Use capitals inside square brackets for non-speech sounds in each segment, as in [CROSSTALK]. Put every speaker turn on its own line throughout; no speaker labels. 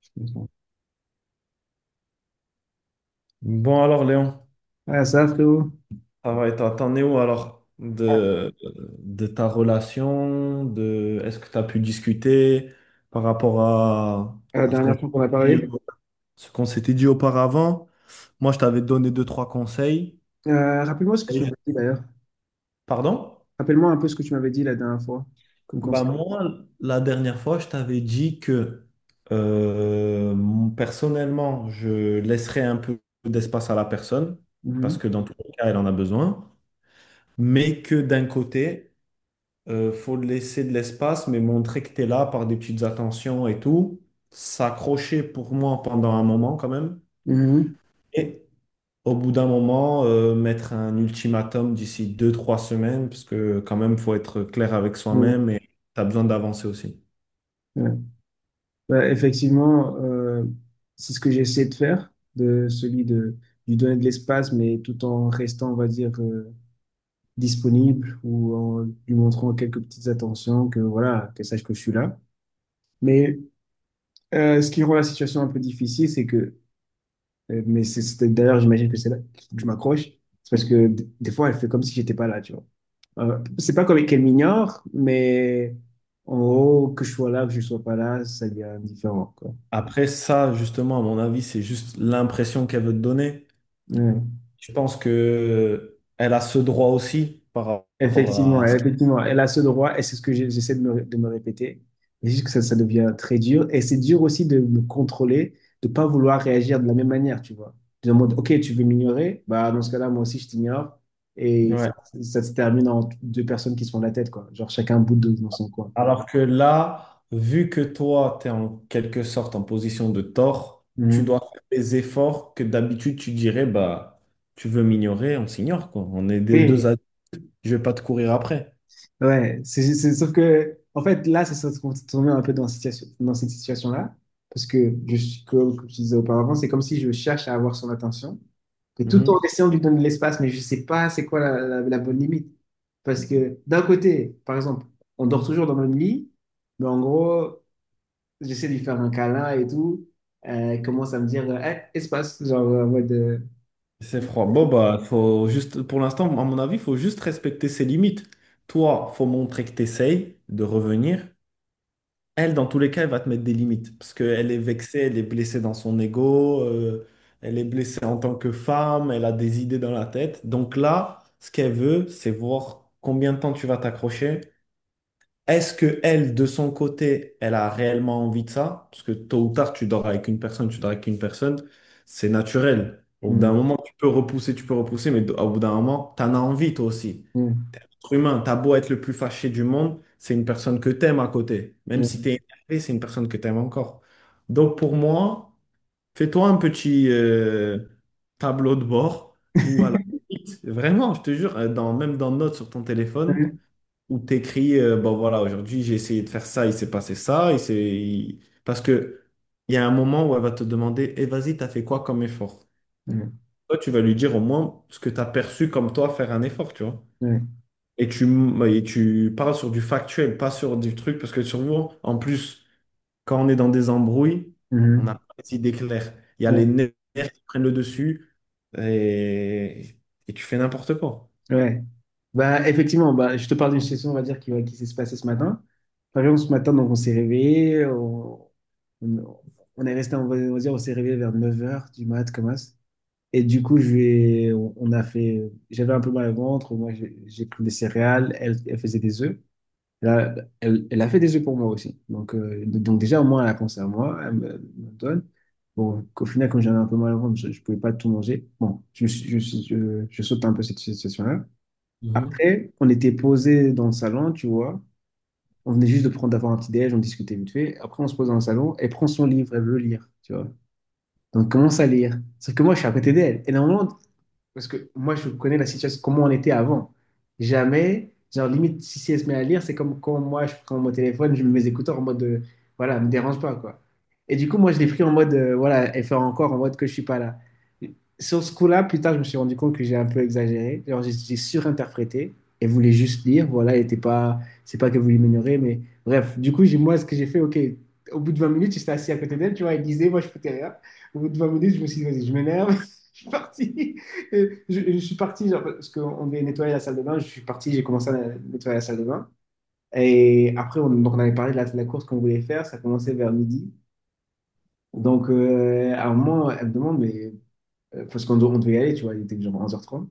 Excuse-moi.
Bon alors Léon,
Ah, ça, frérot.
ça va? Et toi, t'en es où alors de ta relation, de est-ce que tu as pu discuter par rapport à,
La
à ce qu'on
dernière
s'était
fois qu'on a
dit
parlé.
auparavant? Moi, je t'avais donné deux, trois conseils.
Rappelle-moi ce que
Et
tu
je-
m'avais dit d'ailleurs.
Pardon?
Rappelle-moi un peu ce que tu m'avais dit la dernière fois, comme
Bah
conseil.
moi, la dernière fois, je t'avais dit que euh, personnellement, je laisserais un peu d'espace à la personne, parce
Mhm.
que dans tous les cas, elle en a besoin, mais que d'un côté. Faut laisser de l'espace, mais montrer que tu es là par des petites attentions et tout. S'accrocher pour moi pendant un moment quand même.
Mhm.
Et au bout d'un moment, mettre un ultimatum d'ici 2, 3 semaines, parce que quand même, faut être clair avec
Ouais,
soi-même et tu as besoin d'avancer aussi.
ouais. Bah, effectivement, c'est ce que j'ai essayé de faire, de celui de lui donner de l'espace, mais tout en restant, on va dire, disponible ou en lui montrant quelques petites attentions, que voilà, qu'elle sache que je suis là. Mais ce qui rend la situation un peu difficile, c'est d'ailleurs, j'imagine que c'est là que je m'accroche. C'est parce que des fois, elle fait comme si j'étais pas là, tu vois. C'est pas comme qu'elle m'ignore, mais en gros, que je sois là, que je sois pas là, ça devient indifférent, quoi.
Après ça, justement, à mon avis, c'est juste l'impression qu'elle veut te donner.
Ouais.
Je pense que elle a ce droit aussi par rapport
Effectivement,
à ce qui...
effectivement, elle a ce droit et c'est ce que j'essaie de me répéter. Mais juste que ça devient très dur et c'est dur aussi de me contrôler, de pas vouloir réagir de la même manière, tu vois. De mode, ok, tu veux m'ignorer, bah dans ce cas-là, moi aussi je t'ignore et
Ouais.
ça se termine en deux personnes qui se font la tête, quoi. Genre chacun bout de dans son coin.
Alors que là, vu que toi, tu es en quelque sorte en position de tort, tu
Mhm.
dois faire des efforts que d'habitude tu dirais, bah, tu veux m'ignorer, on s'ignore, quoi. On est des
Oui,
deux adultes, je vais pas te courir après.
ouais, sauf que en fait là, c'est ça qu'on se met un peu dans cette situation-là parce que je suis, comme je disais auparavant, c'est comme si je cherche à avoir son attention. Et tout en
Mhm.
essayant de lui donner de l'espace, mais je ne sais pas c'est quoi la bonne limite. Parce que d'un côté, par exemple, on dort toujours dans le même lit, mais en gros, j'essaie de lui faire un câlin et tout. Elle commence à me dire Hey, espace, genre en mode.
C'est froid. Bon, bah, faut juste, pour l'instant, à mon avis, il faut juste respecter ses limites. Toi, faut montrer que tu essayes de revenir. Elle, dans tous les cas, elle va te mettre des limites parce qu'elle est vexée, elle est blessée dans son ego, elle est blessée en tant que femme, elle a des idées dans la tête. Donc là, ce qu'elle veut, c'est voir combien de temps tu vas t'accrocher. Est-ce que elle, de son côté, elle a réellement envie de ça? Parce que tôt ou tard, tu dors avec une personne, tu dors avec une personne, c'est naturel. Au bout
Hmm,
d'un moment, tu peux repousser, mais au bout d'un moment, tu en as envie toi aussi
hmm,
être humain, t'as beau être le plus fâché du monde, c'est une personne que t'aimes à côté. Même si t'es
hmm,
énervé, c'est une personne que t'aimes encore. Donc pour moi, fais-toi un petit tableau de bord ou à la limite, vraiment, je te jure, dans, même dans notes sur ton téléphone,
hmm,
où t'écris, bon voilà, aujourd'hui j'ai essayé de faire ça, il s'est passé ça, parce que il y a un moment où elle va te demander, eh vas-y, t'as fait quoi comme effort? Toi, tu vas lui dire au moins ce que t'as perçu comme toi faire un effort, tu vois.
hmm,
Et tu parles sur du factuel, pas sur du truc, parce que souvent, en plus, quand on est dans des embrouilles,
hmm, hmm.
on
Hmm.
n'a pas les idées claires. Il y a les nerfs qui prennent le dessus et, et tu fais n'importe quoi.
Ouais. Bah, effectivement, bah, je te parle d'une situation, on va dire, qui s'est passée ce matin. Par exemple, ce matin, donc, on s'est réveillé, on, on est resté, on va dire, on s'est réveillé vers 9 heures du mat, comme ça. Et du coup, je vais, on a fait, j'avais un peu mal au ventre, moi, j'ai pris des céréales, elle, elle faisait des œufs. Là, elle, elle a fait des œufs pour moi aussi. Donc, déjà, au moins, elle a pensé à moi, elle me donne. Bon, qu'au final, quand j'avais un peu mal au ventre, je ne pouvais pas tout manger. Bon, je saute un peu cette situation-là.
Mhm.
Après, on était posé dans le salon, tu vois. On venait juste de prendre d'avoir un petit déj, on discutait vite fait. Après, on se pose dans le salon, elle prend son livre, elle veut lire, tu vois. Donc, on commence à lire. Sauf que moi, je suis à côté d'elle. Et normalement, parce que moi, je connais la situation, comment on était avant. Jamais, genre limite, si elle se met à lire, c'est comme quand moi, je prends mon téléphone, je mets mes écouteurs en mode, voilà, me dérange pas, quoi. Et du coup, moi, je l'ai pris en mode, voilà, elle fait encore en mode que je suis pas là. Sur ce coup-là, plus tard, je me suis rendu compte que j'ai un peu exagéré. Genre, j'ai surinterprété. Elle voulait juste lire, voilà, elle était pas, c'est pas qu'elle voulait m'ignorer, mais bref. Du coup, ce que j'ai fait, ok, au bout de 20 minutes, j'étais assis à côté d'elle, tu vois, elle lisait, moi, je foutais rien. Au bout de 20 minutes, je me suis dit, vas-y, je m'énerve, [LAUGHS] je suis parti. Et je suis parti, genre, parce qu'on devait nettoyer la salle de bain, je suis parti, j'ai commencé à nettoyer la salle de bain. Et après, donc on avait parlé de la course qu'on voulait faire, ça commençait vers midi. Donc, à un moment, elle me demande, mais parce qu'on on devait y aller, tu vois, il était genre 11h30.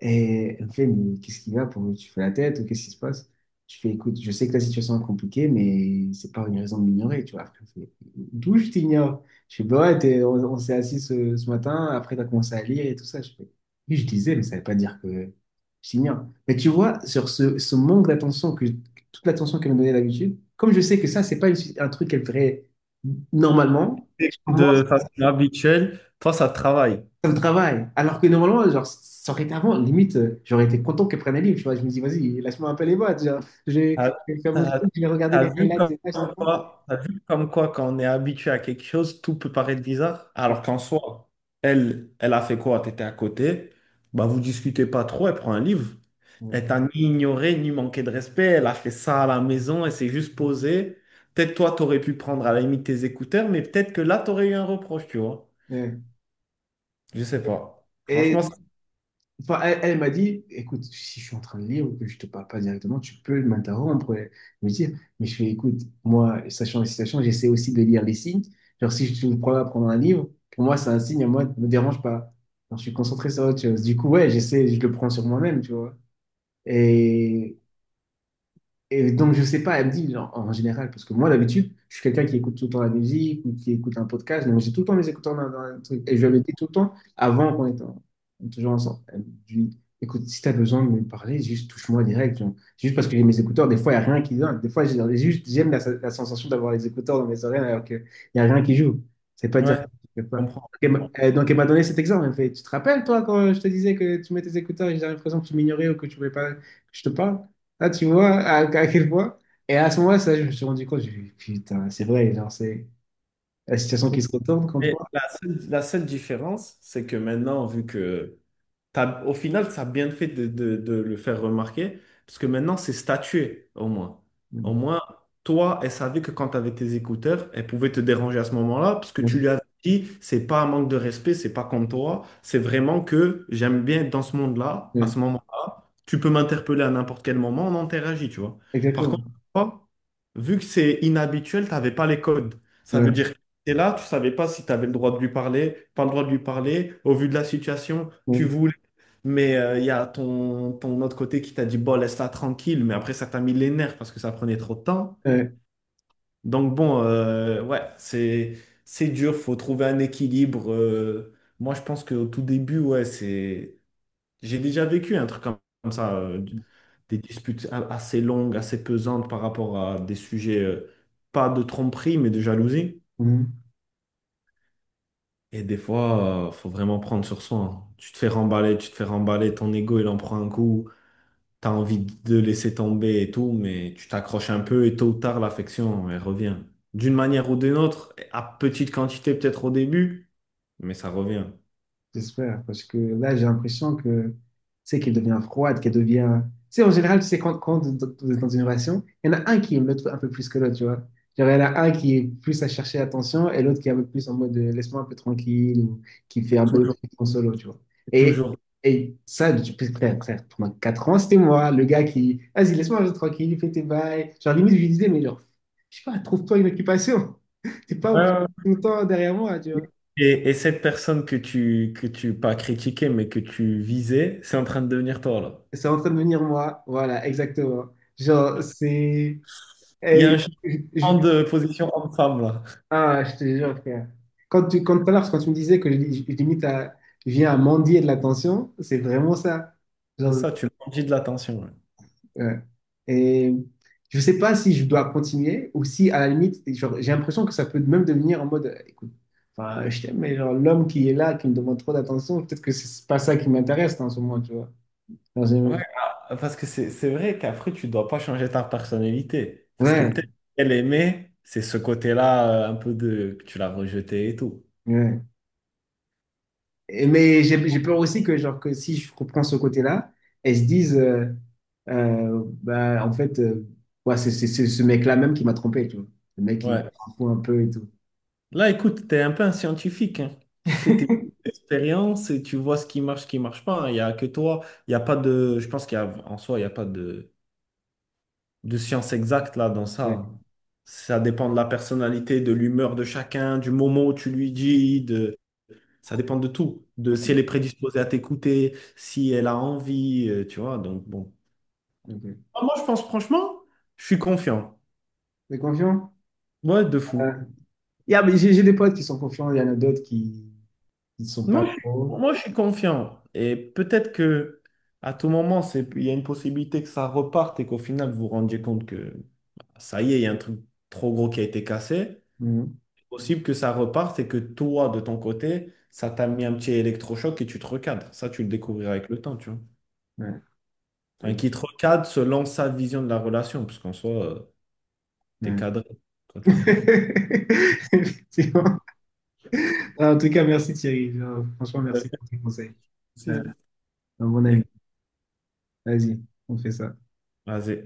Et elle me fait, mais qu'est-ce qu'il y a pour tu fais la tête ou qu'est-ce qui se passe? Je fais, écoute, je sais que la situation est compliquée, mais c'est pas une raison de m'ignorer, tu vois. Après, elle me fait, d'où je t'ignore? Je fais, bah ouais, on s'est assis ce matin, après t'as commencé à lire et tout ça. Je fais, oui, je disais, mais ça veut pas dire que je t'ignore. Mais tu vois, sur ce manque d'attention, que, toute l'attention qu'elle me donnait d'habitude, comme je sais que ça, c'est pas un truc qu'elle ferait normalement,
De façon habituelle, toi, ça travaille.
ça me travaille. Alors que normalement, genre, ça aurait été avant, limite, j'aurais été content qu'elle prenne un livre, tu vois. Je me dis, vas-y, lâche-moi un peu les boîtes, genre, je vais,
T'as,
je vais faire mon
t'as-
truc, je vais regarder
t'as
les
vu
highlights
comme
et ça, justement.
quoi, t'as vu comme quoi quand on est habitué à quelque chose, tout peut paraître bizarre.
Ouais,
Alors qu'en soi, elle, elle a fait quoi? T'étais à côté, bah vous discutez pas trop, elle prend un livre. Elle
ouais.
t'a ni ignoré, ni manqué de respect. Elle a fait ça à la maison, elle s'est juste posée. Peut-être toi, t'aurais pu prendre à la limite tes écouteurs, mais peut-être que là, t'aurais eu un reproche, tu vois.
Ouais.
Je sais pas.
Et
Franchement,
enfin, elle, elle m'a dit, écoute, si je suis en train de lire ou que je te parle pas directement, tu peux m'interrompre et me dire, mais je fais, écoute, moi, sachant les situations, j'essaie aussi de lire les signes. Genre, si je te prends à prendre un livre, pour moi, c'est un signe, à moi, ne me dérange pas. Genre, je suis concentré sur autre chose. Du coup, ouais, j'essaie, je le prends sur moi-même, tu vois. Et Et donc, je sais pas, elle me dit, genre, en général, parce que moi, d'habitude, je suis quelqu'un qui écoute tout le temps la musique ou qui écoute un podcast, donc j'ai tout le temps mes écouteurs dans un truc. Et je lui avais dit tout le temps, avant qu'on était toujours ensemble, elle me dit, écoute, si tu as besoin de me parler, juste touche-moi direct. Genre. Juste parce que j'ai mes écouteurs, des fois, il n'y a rien qui vient. Des fois, j'ai juste, j'aime la sensation d'avoir les écouteurs dans mes oreilles alors qu'il n'y a rien qui joue. C'est pas
ouais,
dire que
je
je fais pas. Donc,
comprends.
elle m'a donné cet exemple. Elle me fait, tu te rappelles, toi, quand je te disais que tu mets tes écouteurs et j'ai l'impression que tu m'ignorais ou que tu ne voulais pas que je te parle? Là, tu vois à quel point. Et à ce moment-là, ça, je me suis rendu compte, j'ai dit, putain, c'est vrai, genre, c'est la situation qui se retourne contre
Mais
moi.
la seule différence, c'est que maintenant, vu que au final, ça a bien fait de, de le faire remarquer, parce que maintenant, c'est statué, au moins.
Ouais,
Au moins, toi, elle savait que quand tu avais tes écouteurs, elle pouvait te déranger à ce moment-là, parce que tu
ouais,
lui avais dit, c'est pas un manque de respect, c'est pas comme toi, c'est vraiment que j'aime bien être dans ce monde-là, à
ouais.
ce moment-là, tu peux m'interpeller à n'importe quel moment, on interagit, tu vois. Par
Exactement.
contre, toi, vu que c'est inhabituel, tu n'avais pas les codes. Ça veut
Ouais.
dire, t'es là, tu savais pas si tu avais le droit de lui parler, pas le droit de lui parler. Au vu de la situation, tu voulais. Mais il y a ton autre côté qui t'a dit, bon, laisse-la tranquille. Mais après, ça t'a mis les nerfs parce que ça prenait trop de temps.
Ouais,
Donc bon, ouais, c'est dur, faut trouver un équilibre. Moi, je pense qu'au tout début, ouais, c'est... J'ai déjà vécu un truc comme ça, des disputes assez longues, assez pesantes par rapport à des sujets, pas de tromperie, mais de jalousie.
ouais.
Et des fois, faut vraiment prendre sur soi. Hein. Tu te fais remballer, tu te fais remballer, ton ego, il en prend un coup. T'as envie de laisser tomber et tout, mais tu t'accroches un peu et tôt ou tard, l'affection, elle revient. D'une manière ou d'une autre, à petite quantité peut-être au début, mais ça revient.
J'espère, parce que là, j'ai l'impression que, tu sais, qu'elle devient froide, qu'elle devient. Tu sais, en général, tu sais, quand vous êtes dans une relation, il y en a un qui aime l'autre un peu plus que l'autre, tu vois. Genre, il y en a un qui est plus à chercher l'attention et l'autre qui est un peu plus en mode laisse-moi un peu tranquille ou qui fait un peu le
Toujours.
truc en solo, tu vois. Et,
Toujours.
et ça, depuis très, très, pendant 4 ans, c'était moi, le gars qui, vas-y, laisse-moi un peu tranquille, fais tes bails. Genre, limite, je lui disais, mais genre, je sais pas, trouve-toi une occupation. [LAUGHS] T'es pas obligé
Ouais,
tout le temps derrière moi, tu
ouais.
vois.
Et cette personne que tu, pas critiquais, mais que tu visais, c'est en train de devenir toi, là.
C'est en train de devenir moi. Voilà, exactement. Genre, c'est.
Il y a un
Eh,
changement de position homme-femme, là.
Ah, je te jure, frère. Quand tout à l'heure, quand tu me disais que je viens à mendier de l'attention, c'est vraiment ça.
C'est
Genre,
ça, tu manges de l'attention, là.
ouais. Et je sais pas si je dois continuer ou si, à la limite, genre, j'ai l'impression que ça peut même devenir en mode, écoute, enfin, je t'aime, mais genre, l'homme qui est là, qui me demande trop d'attention, peut-être que c'est pas ça qui m'intéresse en ce moment, tu vois. Genre,
Ouais, ah, parce que c'est vrai qu'après, tu dois pas changer ta personnalité. Parce que
ouais,
peut-être qu'elle aimait, c'est ce côté-là, un peu de que tu l'as rejeté et tout.
ouais. Mais j'ai peur aussi que, genre, que si je comprends ce côté-là, elles se disent, bah, en fait, ouais, c'est ce mec-là même qui m'a trompé, tu vois. Le mec qui
Ouais.
s'en fout un peu et tout.
Là, écoute, tu es un peu un scientifique, hein. Tu fais tes expériences et tu vois ce qui marche pas. Hein. Il n'y a que toi. Il y a pas de. Je pense qu'il y a en soi, il n'y a pas de, de science exacte là dans ça.
Ouais,
Hein. Ça dépend de la personnalité, de l'humeur de chacun, du moment où tu lui dis, de, ça dépend de tout, de si elle est prédisposée à t'écouter, si elle a envie, tu vois. Donc bon.
ok.
Ah, moi, je pense franchement, je suis confiant.
T'es confiant?
Ouais, de
Euh,
fou.
mais j'ai des potes qui sont confiants, il y en a d'autres qui ne sont pas
Moi, je suis,
trop.
moi, je suis confiant. Et peut-être que à tout moment, c'est, il y a une possibilité que ça reparte et qu'au final, vous vous rendiez compte que bah, ça y est, il y a un truc trop gros qui a été cassé.
Mhm.
C'est possible que ça reparte et que toi, de ton côté, ça t'a mis un petit électrochoc et tu te recadres. Ça, tu le découvriras avec le temps, tu vois.
Ouais,
Enfin,
donc,
qui te recadre selon sa vision de la relation, parce qu'en soi, t'es
ouais.
cadré quand tu vois.
[LAUGHS] Effectivement. En tout cas, merci Thierry. Genre, franchement, merci pour tes conseils. Euh,
Si.
un bon ami. Vas-y, on fait ça.
Vas-y.